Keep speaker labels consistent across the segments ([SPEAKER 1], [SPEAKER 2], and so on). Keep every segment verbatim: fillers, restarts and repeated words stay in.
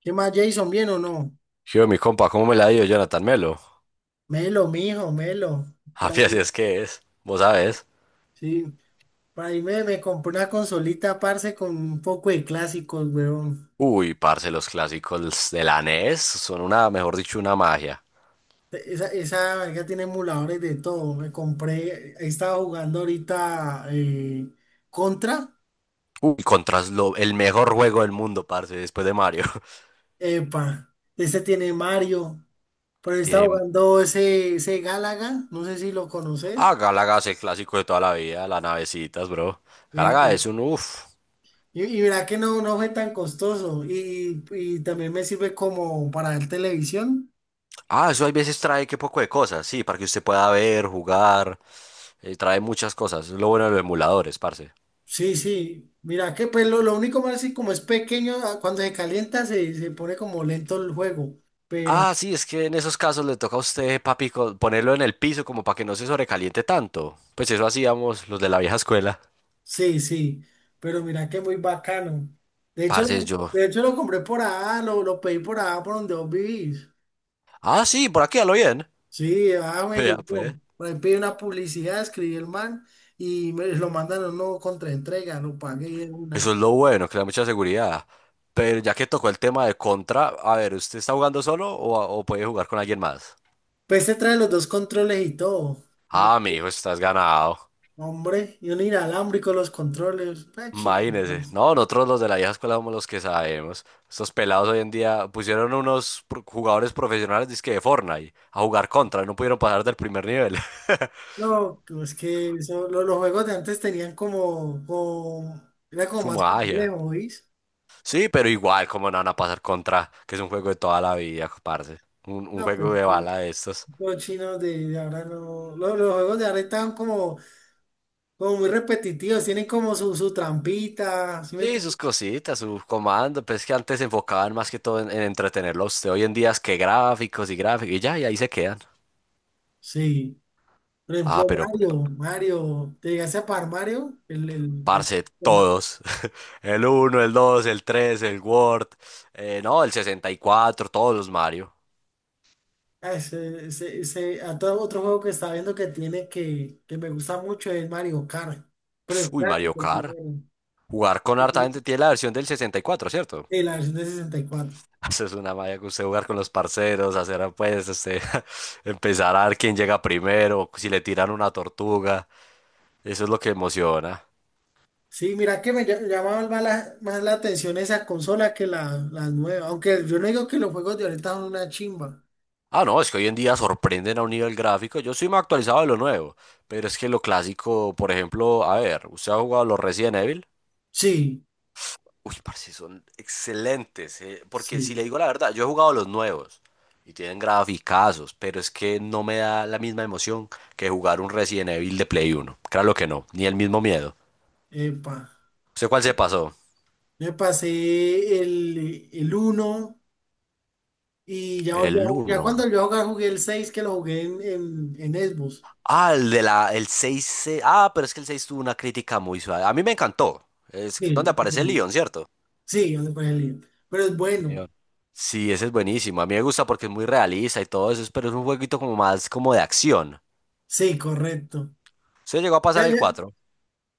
[SPEAKER 1] ¿Qué más, Jason? ¿Bien o no?
[SPEAKER 2] Yo mi compa, ¿cómo me la dio Jonathan Melo?
[SPEAKER 1] Melo, mijo, Melo. Por
[SPEAKER 2] Javi, así
[SPEAKER 1] ahí,
[SPEAKER 2] es que es, vos sabés.
[SPEAKER 1] sí. Por ahí me, me compré una consolita, parce, con un poco de clásicos, weón.
[SPEAKER 2] Uy, parce, los clásicos de la N E S son una, mejor dicho, una magia.
[SPEAKER 1] Esa, esa verga tiene emuladores de todo. Me compré, estaba jugando ahorita eh, Contra.
[SPEAKER 2] Uy, contra lo- el mejor juego del mundo, parce, después de Mario.
[SPEAKER 1] Epa, ese tiene Mario. Pero estaba
[SPEAKER 2] Tienen,
[SPEAKER 1] jugando ese, ese Galaga, no sé si lo
[SPEAKER 2] ah,
[SPEAKER 1] conoces.
[SPEAKER 2] Galaga es el clásico de toda la vida, las navecitas, bro. Galaga
[SPEAKER 1] Eh,
[SPEAKER 2] es un, uff.
[SPEAKER 1] Y, y mira que no, no fue tan costoso. Y, y y también me sirve como para ver televisión.
[SPEAKER 2] Ah, eso hay veces trae que poco de cosas, sí, para que usted pueda ver, jugar, eh, trae muchas cosas. Es lo bueno de los emuladores, parce.
[SPEAKER 1] Sí, sí. Mira que pues lo, lo único malo es que como es pequeño, ah, cuando se calienta se, se pone como lento el juego. Pero
[SPEAKER 2] Ah, sí, es que en esos casos le toca a usted, papi, co- ponerlo en el piso como para que no se sobrecaliente tanto. Pues eso hacíamos los de la vieja escuela.
[SPEAKER 1] sí, sí. Pero mira que muy bacano. De hecho,
[SPEAKER 2] Parce,
[SPEAKER 1] lo-
[SPEAKER 2] yo.
[SPEAKER 1] de hecho lo compré por allá, lo, lo pedí por allá por donde vos vivís.
[SPEAKER 2] Ah, sí, por aquí a lo bien.
[SPEAKER 1] Sí, ah, me
[SPEAKER 2] Vea, pues.
[SPEAKER 1] llegó. Por ahí pedí una publicidad, escribí el man y me lo mandan a uno contra entrega, lo pagué y de
[SPEAKER 2] Eso
[SPEAKER 1] una.
[SPEAKER 2] es lo bueno, que le da mucha seguridad. Pero ya que tocó el tema de contra, a ver, ¿usted está jugando solo o, o puede jugar con alguien más?
[SPEAKER 1] Pues se trae los dos controles y todo. No,
[SPEAKER 2] Ah, mijo, estás ganado.
[SPEAKER 1] hombre, y un inalámbrico los controles. Ah,
[SPEAKER 2] Imagínese.
[SPEAKER 1] chingón.
[SPEAKER 2] No, nosotros los de la vieja escuela somos los que sabemos. Estos pelados hoy en día pusieron unos pro- jugadores profesionales dizque de Fortnite a jugar contra. No pudieron pasar del primer nivel.
[SPEAKER 1] No, es que eso- lo- los juegos de antes tenían como, como- era como
[SPEAKER 2] Su
[SPEAKER 1] más
[SPEAKER 2] magia.
[SPEAKER 1] complejo, ¿oís?
[SPEAKER 2] Sí, pero igual, como no van a pasar contra? Que es un juego de toda la vida, parce. Un, un
[SPEAKER 1] No,
[SPEAKER 2] juego
[SPEAKER 1] pues
[SPEAKER 2] de bala de estos.
[SPEAKER 1] los chinos de, de ahora no, los los, juegos de ahora están como, como muy repetitivos, tienen como su, su trampita, ¿sí me
[SPEAKER 2] Sí,
[SPEAKER 1] entiendes?
[SPEAKER 2] sus cositas, sus comandos. Pues que antes se enfocaban más que todo en, en entretenerlo a usted. Hoy en día es que gráficos y gráficos y ya, y ahí se quedan.
[SPEAKER 1] Sí, por ejemplo
[SPEAKER 2] Ah, pero.
[SPEAKER 1] Mario, Mario, te llegaste a par Mario, el, el, el-
[SPEAKER 2] Parce, todos. El uno, el dos, el tres, el word eh, no, el sesenta y cuatro, todos los Mario.
[SPEAKER 1] ah, ese, ese, ese- a todo otro juego que está viendo que tiene que, que me gusta mucho es Mario Kart, pero el
[SPEAKER 2] Uy, Mario
[SPEAKER 1] clásico,
[SPEAKER 2] Kart.
[SPEAKER 1] el
[SPEAKER 2] Jugar con harta
[SPEAKER 1] primero.
[SPEAKER 2] gente tiene la versión del sesenta y cuatro, ¿cierto?
[SPEAKER 1] Sí, la versión de sesenta y cuatro.
[SPEAKER 2] Eso es una malla que usted jugar con los parceros, hacer apuestas, este, empezar a ver quién llega primero, si le tiran una tortuga. Eso es lo que emociona.
[SPEAKER 1] Sí, mira que me ll- llamaba más la, más la atención esa consola que la, la nueva. Aunque yo no digo que los juegos de ahorita son una chimba.
[SPEAKER 2] Ah, no, es que hoy en día sorprenden a un nivel gráfico. Yo soy más actualizado de lo nuevo, pero es que lo clásico, por ejemplo, a ver, ¿usted ha jugado los Resident Evil?
[SPEAKER 1] Sí,
[SPEAKER 2] Uy, parce, son excelentes, eh, porque si le
[SPEAKER 1] sí.
[SPEAKER 2] digo la verdad, yo he jugado los nuevos y tienen graficazos, pero es que no me da la misma emoción que jugar un Resident Evil de Play Uno. Claro que no, ni el mismo miedo.
[SPEAKER 1] Epa.
[SPEAKER 2] ¿Usted cuál se pasó?
[SPEAKER 1] Me pasé el, el uno y ya, volví a
[SPEAKER 2] El
[SPEAKER 1] ju- ya cuando
[SPEAKER 2] uno.
[SPEAKER 1] yo jugué, jugué el seis que lo jugué en, en, en Xbox.
[SPEAKER 2] Ah, el de la, el seis. se- Ah, pero es que el seis tuvo una crítica muy suave. A mí me encantó. Es donde
[SPEAKER 1] Sí,
[SPEAKER 2] aparece Leon, ¿cierto?
[SPEAKER 1] sí, donde fue el lío. Pero es bueno.
[SPEAKER 2] Leon. Sí, ese es buenísimo. A mí me gusta porque es muy realista y todo eso, pero es un jueguito como más como de acción.
[SPEAKER 1] Sí, correcto.
[SPEAKER 2] ¿Usted llegó a
[SPEAKER 1] Ya,
[SPEAKER 2] pasar el
[SPEAKER 1] ya.
[SPEAKER 2] cuatro?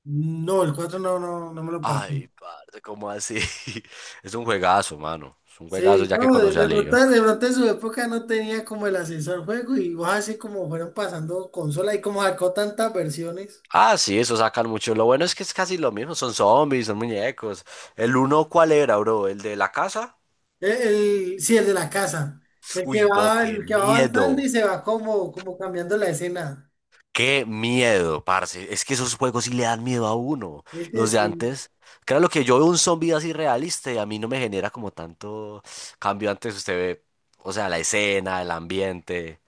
[SPEAKER 1] No, el cuatro no, no, no me lo pasé.
[SPEAKER 2] Ay, parce, ¿cómo así? Es un juegazo, mano. Es un juegazo
[SPEAKER 1] Sí,
[SPEAKER 2] ya que
[SPEAKER 1] no, de,
[SPEAKER 2] conocí a
[SPEAKER 1] de pronto,
[SPEAKER 2] Leon.
[SPEAKER 1] de pronto en su época no tenía como el ascensor juego y vos así como fueron pasando consola y como sacó tantas versiones.
[SPEAKER 2] Ah, sí, eso sacan mucho. Lo bueno es que es casi lo mismo. Son zombies, son muñecos. ¿El uno cuál era, bro? ¿El de la casa?
[SPEAKER 1] El, el- sí, el de la casa. El que
[SPEAKER 2] Uy, bo,
[SPEAKER 1] va,
[SPEAKER 2] qué
[SPEAKER 1] el que va avanzando
[SPEAKER 2] miedo.
[SPEAKER 1] y se va como, como cambiando la escena.
[SPEAKER 2] Qué miedo, parce. Es que esos juegos sí le dan miedo a uno.
[SPEAKER 1] Ese
[SPEAKER 2] Los de
[SPEAKER 1] sí.
[SPEAKER 2] antes. Claro, lo que yo veo un zombie así realista y a mí no me genera como tanto cambio. Antes usted ve, o sea, la escena, el ambiente.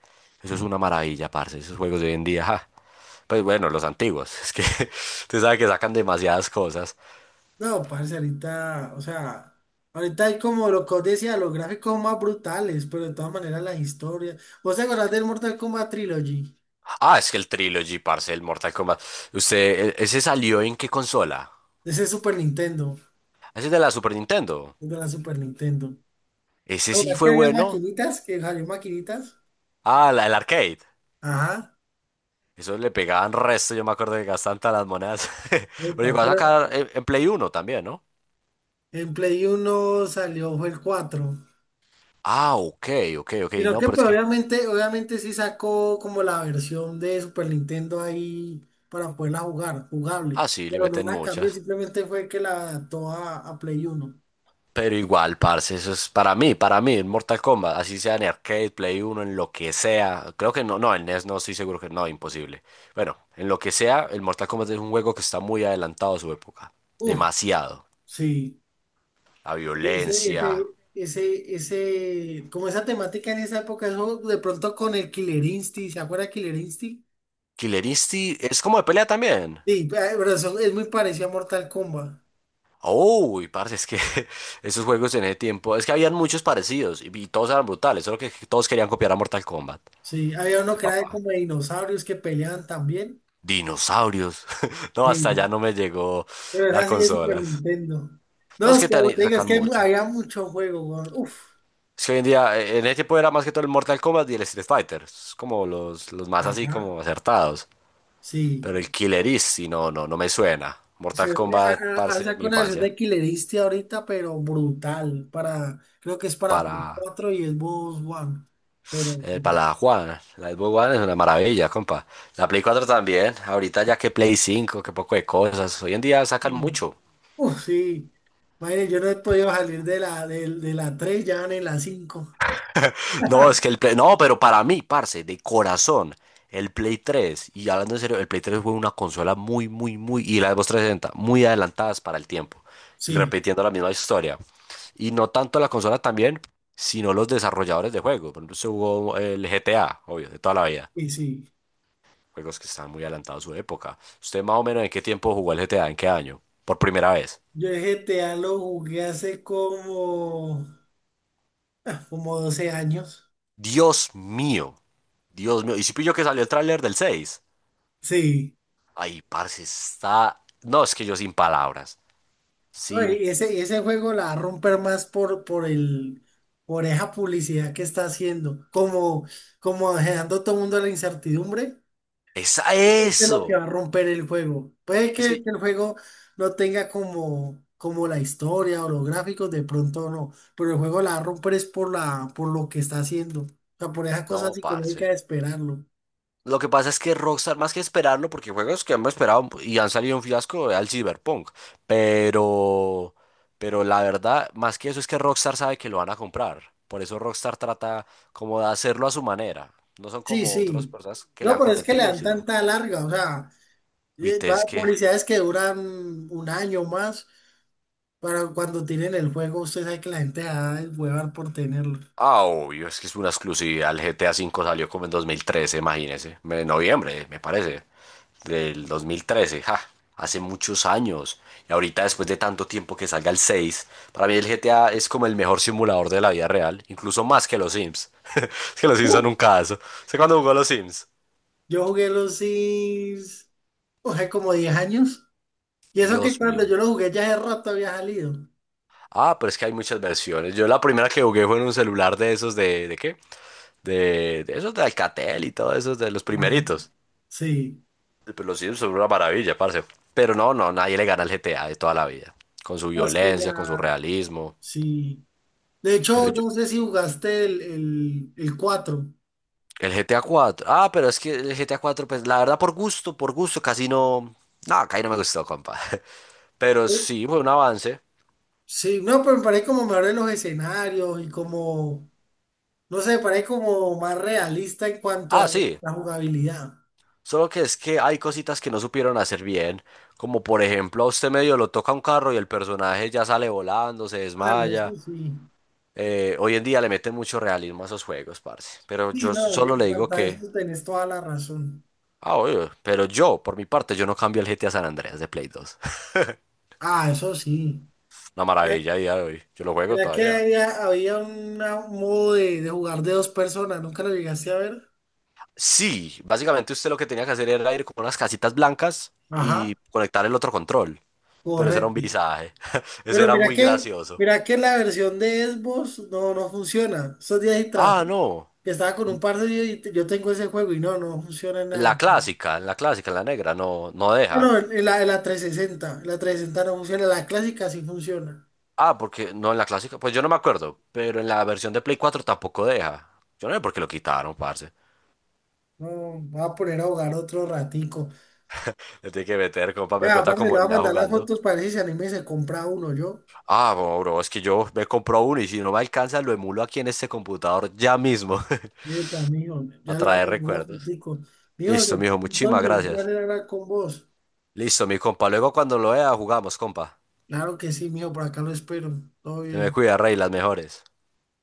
[SPEAKER 2] Eso es una maravilla, parce. Esos juegos de hoy en día. Pues bueno, los antiguos. Es que usted sabe que sacan demasiadas cosas.
[SPEAKER 1] No, parce, ahorita, o sea, ahorita hay como lo que os decía, los gráficos más brutales, pero de todas maneras las historias. ¿Vos te acordás del Mortal Kombat Trilogy?
[SPEAKER 2] Ah, es que el Trilogy, parce, el Mortal Kombat. Usted, e- ¿ese salió en qué consola?
[SPEAKER 1] De ese Super Nintendo,
[SPEAKER 2] Ese es de la Super Nintendo.
[SPEAKER 1] de la Super Nintendo.
[SPEAKER 2] Ese sí
[SPEAKER 1] Ahora, ¿qué
[SPEAKER 2] fue
[SPEAKER 1] había
[SPEAKER 2] bueno.
[SPEAKER 1] maquinitas? ¿Que salió maquinitas?
[SPEAKER 2] Ah, la, el arcade.
[SPEAKER 1] Ajá.
[SPEAKER 2] Eso le pegaban resto, yo me acuerdo que gastaban todas las monedas. Pero
[SPEAKER 1] Epa,
[SPEAKER 2] llegó a
[SPEAKER 1] pero-
[SPEAKER 2] sacar en, en Play Uno también, ¿no?
[SPEAKER 1] en Play Uno salió, fue el cuatro.
[SPEAKER 2] Ah, ok, ok, ok.
[SPEAKER 1] Sino
[SPEAKER 2] No,
[SPEAKER 1] que
[SPEAKER 2] pero es
[SPEAKER 1] pues
[SPEAKER 2] que.
[SPEAKER 1] obviamente, obviamente sí sacó como la versión de Super Nintendo ahí para poderla jugar, jugable.
[SPEAKER 2] Ah, sí, le
[SPEAKER 1] Pero no
[SPEAKER 2] meten
[SPEAKER 1] la cambió,
[SPEAKER 2] muchas.
[SPEAKER 1] simplemente fue que la adaptó a, a Play Uno.
[SPEAKER 2] Pero igual, parce, eso es para mí, para mí, en Mortal Kombat, así sea en arcade, Play uno, en lo que sea. Creo que no, no, en N E S no estoy seguro que no, imposible. Bueno, en lo que sea, el Mortal Kombat es un juego que está muy adelantado a su época.
[SPEAKER 1] Uf,
[SPEAKER 2] Demasiado.
[SPEAKER 1] sí.
[SPEAKER 2] La
[SPEAKER 1] Ese,
[SPEAKER 2] violencia.
[SPEAKER 1] ese, ese, ese, como esa temática en esa época, eso de pronto con el Killer Instinct, ¿se acuerda de Killer Instinct?
[SPEAKER 2] Killer Instinct es como de pelea también.
[SPEAKER 1] Sí, pe- pero eso es muy parecido a Mortal Kombat.
[SPEAKER 2] Uy, parce, es que esos juegos en ese tiempo, es que habían muchos parecidos y, y todos eran brutales, solo que todos querían copiar a Mortal Kombat.
[SPEAKER 1] Sí, había uno
[SPEAKER 2] El
[SPEAKER 1] que era de
[SPEAKER 2] papá.
[SPEAKER 1] como de dinosaurios que peleaban también.
[SPEAKER 2] Dinosaurios. No, hasta
[SPEAKER 1] Sí,
[SPEAKER 2] allá no me llegó
[SPEAKER 1] pero es
[SPEAKER 2] las
[SPEAKER 1] así de Super
[SPEAKER 2] consolas.
[SPEAKER 1] Nintendo.
[SPEAKER 2] No,
[SPEAKER 1] No,
[SPEAKER 2] es
[SPEAKER 1] es
[SPEAKER 2] que
[SPEAKER 1] como
[SPEAKER 2] te
[SPEAKER 1] te digo, es
[SPEAKER 2] sacan
[SPEAKER 1] que hay mu-
[SPEAKER 2] mucho.
[SPEAKER 1] había mucho juego, weón. Uf,
[SPEAKER 2] Es que hoy en día, eh, en ese tiempo era más que todo el Mortal Kombat y el Street Fighter. Es como los, los más así
[SPEAKER 1] ajá,
[SPEAKER 2] como acertados.
[SPEAKER 1] sí.
[SPEAKER 2] Pero el Killer Instinct, no, no, no me suena. Mortal
[SPEAKER 1] Se,
[SPEAKER 2] Kombat,
[SPEAKER 1] a- a- han
[SPEAKER 2] parce, de mi
[SPEAKER 1] sacado una versión
[SPEAKER 2] infancia.
[SPEAKER 1] de Killer Instinct ahorita, pero brutal. Para, creo que es para Play
[SPEAKER 2] Para,
[SPEAKER 1] cuatro y Xbox One. Pero,
[SPEAKER 2] eh, para la Juana. La Xbox One es una maravilla, compa. La Play cuatro también. Ahorita ya que Play cinco que poco de cosas. Hoy en día sacan
[SPEAKER 1] mm,
[SPEAKER 2] mucho.
[SPEAKER 1] uf, sí. Madre, yo no he podido salir de la, de, de la tres ya van en la cinco.
[SPEAKER 2] No, es que el Play, no, pero para mí, parce, de corazón, el Play tres, y hablando en serio, el Play tres fue una consola muy, muy, muy, y la Xbox trescientos sesenta, muy adelantadas para el tiempo, y
[SPEAKER 1] Sí,
[SPEAKER 2] repitiendo la misma historia. Y no tanto la consola también, sino los desarrolladores de juegos. Por ejemplo, se jugó el G T A, obvio, de toda la vida,
[SPEAKER 1] y sí.
[SPEAKER 2] juegos que estaban muy adelantados a su época. ¿Usted más o menos en qué tiempo jugó el G T A? ¿En qué año? Por primera vez.
[SPEAKER 1] Yo el G T A lo jugué hace como, como doce años.
[SPEAKER 2] Dios mío, Dios mío. Y si pillo que salió el tráiler del seis.
[SPEAKER 1] Sí.
[SPEAKER 2] Ay, parce, está. No, es que yo sin palabras.
[SPEAKER 1] No,
[SPEAKER 2] Sin.
[SPEAKER 1] y ese, y ese juego la va a romper más por, por el, por esa publicidad que está haciendo. Como, como dejando a todo el mundo a la incertidumbre.
[SPEAKER 2] ¡Es a
[SPEAKER 1] Este es lo
[SPEAKER 2] eso!
[SPEAKER 1] que va a romper el juego. Puede
[SPEAKER 2] Es
[SPEAKER 1] que,
[SPEAKER 2] que.
[SPEAKER 1] que el juego no tenga como, como la historia o los gráficos, de pronto no. Pero el juego la va a romper es por la, por lo que está haciendo. O sea, por esa cosa
[SPEAKER 2] No, parce.
[SPEAKER 1] psicológica de esperarlo.
[SPEAKER 2] Lo que pasa es que Rockstar, más que esperarlo, porque juegos que hemos esperado y han salido un fiasco al Cyberpunk. Pero. Pero la verdad, más que eso, es que Rockstar sabe que lo van a comprar. Por eso Rockstar trata como de hacerlo a su manera. No son
[SPEAKER 1] Sí,
[SPEAKER 2] como otras
[SPEAKER 1] sí.
[SPEAKER 2] personas que le
[SPEAKER 1] No,
[SPEAKER 2] dan
[SPEAKER 1] pero es que le
[SPEAKER 2] contentillo,
[SPEAKER 1] dan
[SPEAKER 2] sino.
[SPEAKER 1] tanta larga, o sea,
[SPEAKER 2] Uy,
[SPEAKER 1] eh,
[SPEAKER 2] te es
[SPEAKER 1] va-
[SPEAKER 2] que.
[SPEAKER 1] publicidades que duran un año más para cuando tienen el juego, usted sabe que la gente va a huevar por tenerlo.
[SPEAKER 2] Ah, obvio, es que es una exclusividad. El G T A V salió como en dos mil trece, imagínese. Me- En noviembre, me parece. Del dos mil trece, ja. Hace muchos años. Y ahorita, después de tanto tiempo que salga el seis, para mí el G T A es como el mejor simulador de la vida real. Incluso más que los Sims. Es que los Sims
[SPEAKER 1] Uf.
[SPEAKER 2] son un caso. ¿Sé cuándo jugó a los Sims?
[SPEAKER 1] Yo jugué los Sims, o sea, como diez años. Y eso que
[SPEAKER 2] Dios
[SPEAKER 1] cuando
[SPEAKER 2] mío.
[SPEAKER 1] yo lo jugué ya hace rato había salido.
[SPEAKER 2] Ah, pero es que hay muchas versiones. Yo la primera que jugué fue en un celular de esos de... ¿De qué? De, de esos de Alcatel y todo esos de los
[SPEAKER 1] Ajá.
[SPEAKER 2] primeritos.
[SPEAKER 1] Sí,
[SPEAKER 2] Pero los Sims son una maravilla, parce. Pero no, no, nadie le gana al G T A de toda la vida. Con su
[SPEAKER 1] no, es que
[SPEAKER 2] violencia, con su
[SPEAKER 1] ya,
[SPEAKER 2] realismo.
[SPEAKER 1] sí. De
[SPEAKER 2] Pero
[SPEAKER 1] hecho,
[SPEAKER 2] yo,
[SPEAKER 1] no sé si jugaste el, el, el cuatro.
[SPEAKER 2] el G T A cuatro. Ah, pero es que el G T A cuatro, pues la verdad, por gusto, por gusto, casi no. No, casi no me gustó, compa. Pero
[SPEAKER 1] Pues,
[SPEAKER 2] sí, fue un avance.
[SPEAKER 1] sí, no, pero me parece como mejor en los escenarios y como, no sé, parece como más realista en cuanto
[SPEAKER 2] Ah,
[SPEAKER 1] a
[SPEAKER 2] sí.
[SPEAKER 1] la jugabilidad.
[SPEAKER 2] Solo que es que hay cositas que no supieron hacer bien. Como por ejemplo, a usted medio lo toca un carro y el personaje ya sale volando, se
[SPEAKER 1] Ah, no, eso
[SPEAKER 2] desmaya.
[SPEAKER 1] sí.
[SPEAKER 2] Eh, hoy en día le meten mucho realismo a esos juegos, parce. Pero
[SPEAKER 1] Sí,
[SPEAKER 2] yo
[SPEAKER 1] no, eh,
[SPEAKER 2] solo
[SPEAKER 1] en
[SPEAKER 2] le digo
[SPEAKER 1] cuanto a
[SPEAKER 2] que
[SPEAKER 1] eso tenés toda la razón.
[SPEAKER 2] Ah, obvio. Pero yo, por mi parte, yo no cambio el G T A San Andreas de Play dos.
[SPEAKER 1] Ah, eso sí.
[SPEAKER 2] Una
[SPEAKER 1] Eh,
[SPEAKER 2] maravilla a día de hoy. Yo lo juego
[SPEAKER 1] era que
[SPEAKER 2] todavía.
[SPEAKER 1] había, había una- un modo de, de jugar de dos personas, nunca lo llegaste a ver.
[SPEAKER 2] Sí, básicamente usted lo que tenía que hacer era ir con unas casitas blancas
[SPEAKER 1] Ajá,
[SPEAKER 2] y conectar el otro control. Pero eso era un
[SPEAKER 1] correcto.
[SPEAKER 2] visaje. Eso
[SPEAKER 1] Pero
[SPEAKER 2] era
[SPEAKER 1] mira
[SPEAKER 2] muy
[SPEAKER 1] que,
[SPEAKER 2] gracioso.
[SPEAKER 1] mira que la versión de Xbox no, no funciona. Estos días sí
[SPEAKER 2] Ah,
[SPEAKER 1] traté,
[SPEAKER 2] no.
[SPEAKER 1] que estaba con un par de yo tengo ese juego y no, no funciona en
[SPEAKER 2] La
[SPEAKER 1] nada.
[SPEAKER 2] clásica, en la clásica, en la negra, no, no deja.
[SPEAKER 1] Bueno, en en la, en la trescientos sesenta, la trescientos sesenta no funciona, la clásica sí funciona.
[SPEAKER 2] Ah, porque no en la clásica, pues yo no me acuerdo, pero en la versión de Play cuatro tampoco deja. Yo no sé por qué lo quitaron, parce.
[SPEAKER 1] No, me voy a poner a ahogar otro ratico.
[SPEAKER 2] Le tiene que meter, compa, me
[SPEAKER 1] Ya,
[SPEAKER 2] cuenta
[SPEAKER 1] aparte le
[SPEAKER 2] cómo
[SPEAKER 1] voy a
[SPEAKER 2] le va
[SPEAKER 1] mandar las
[SPEAKER 2] jugando.
[SPEAKER 1] fotos para ver si se anime y se compra uno yo.
[SPEAKER 2] Ah, bro, bro, es que yo me compro uno y si no me alcanza lo emulo aquí en este computador ya mismo
[SPEAKER 1] Epa, mijo,
[SPEAKER 2] a
[SPEAKER 1] ya le voy a
[SPEAKER 2] traer
[SPEAKER 1] mandar unas
[SPEAKER 2] recuerdos.
[SPEAKER 1] fotico. Mijo,
[SPEAKER 2] Listo, mijo, muchísimas
[SPEAKER 1] entonces, un
[SPEAKER 2] gracias.
[SPEAKER 1] placer hablar con vos.
[SPEAKER 2] Listo, mi compa. Luego cuando lo vea jugamos, compa.
[SPEAKER 1] Claro que sí, mijo, por acá lo espero. Todo
[SPEAKER 2] Se me
[SPEAKER 1] bien.
[SPEAKER 2] cuida, rey, las mejores.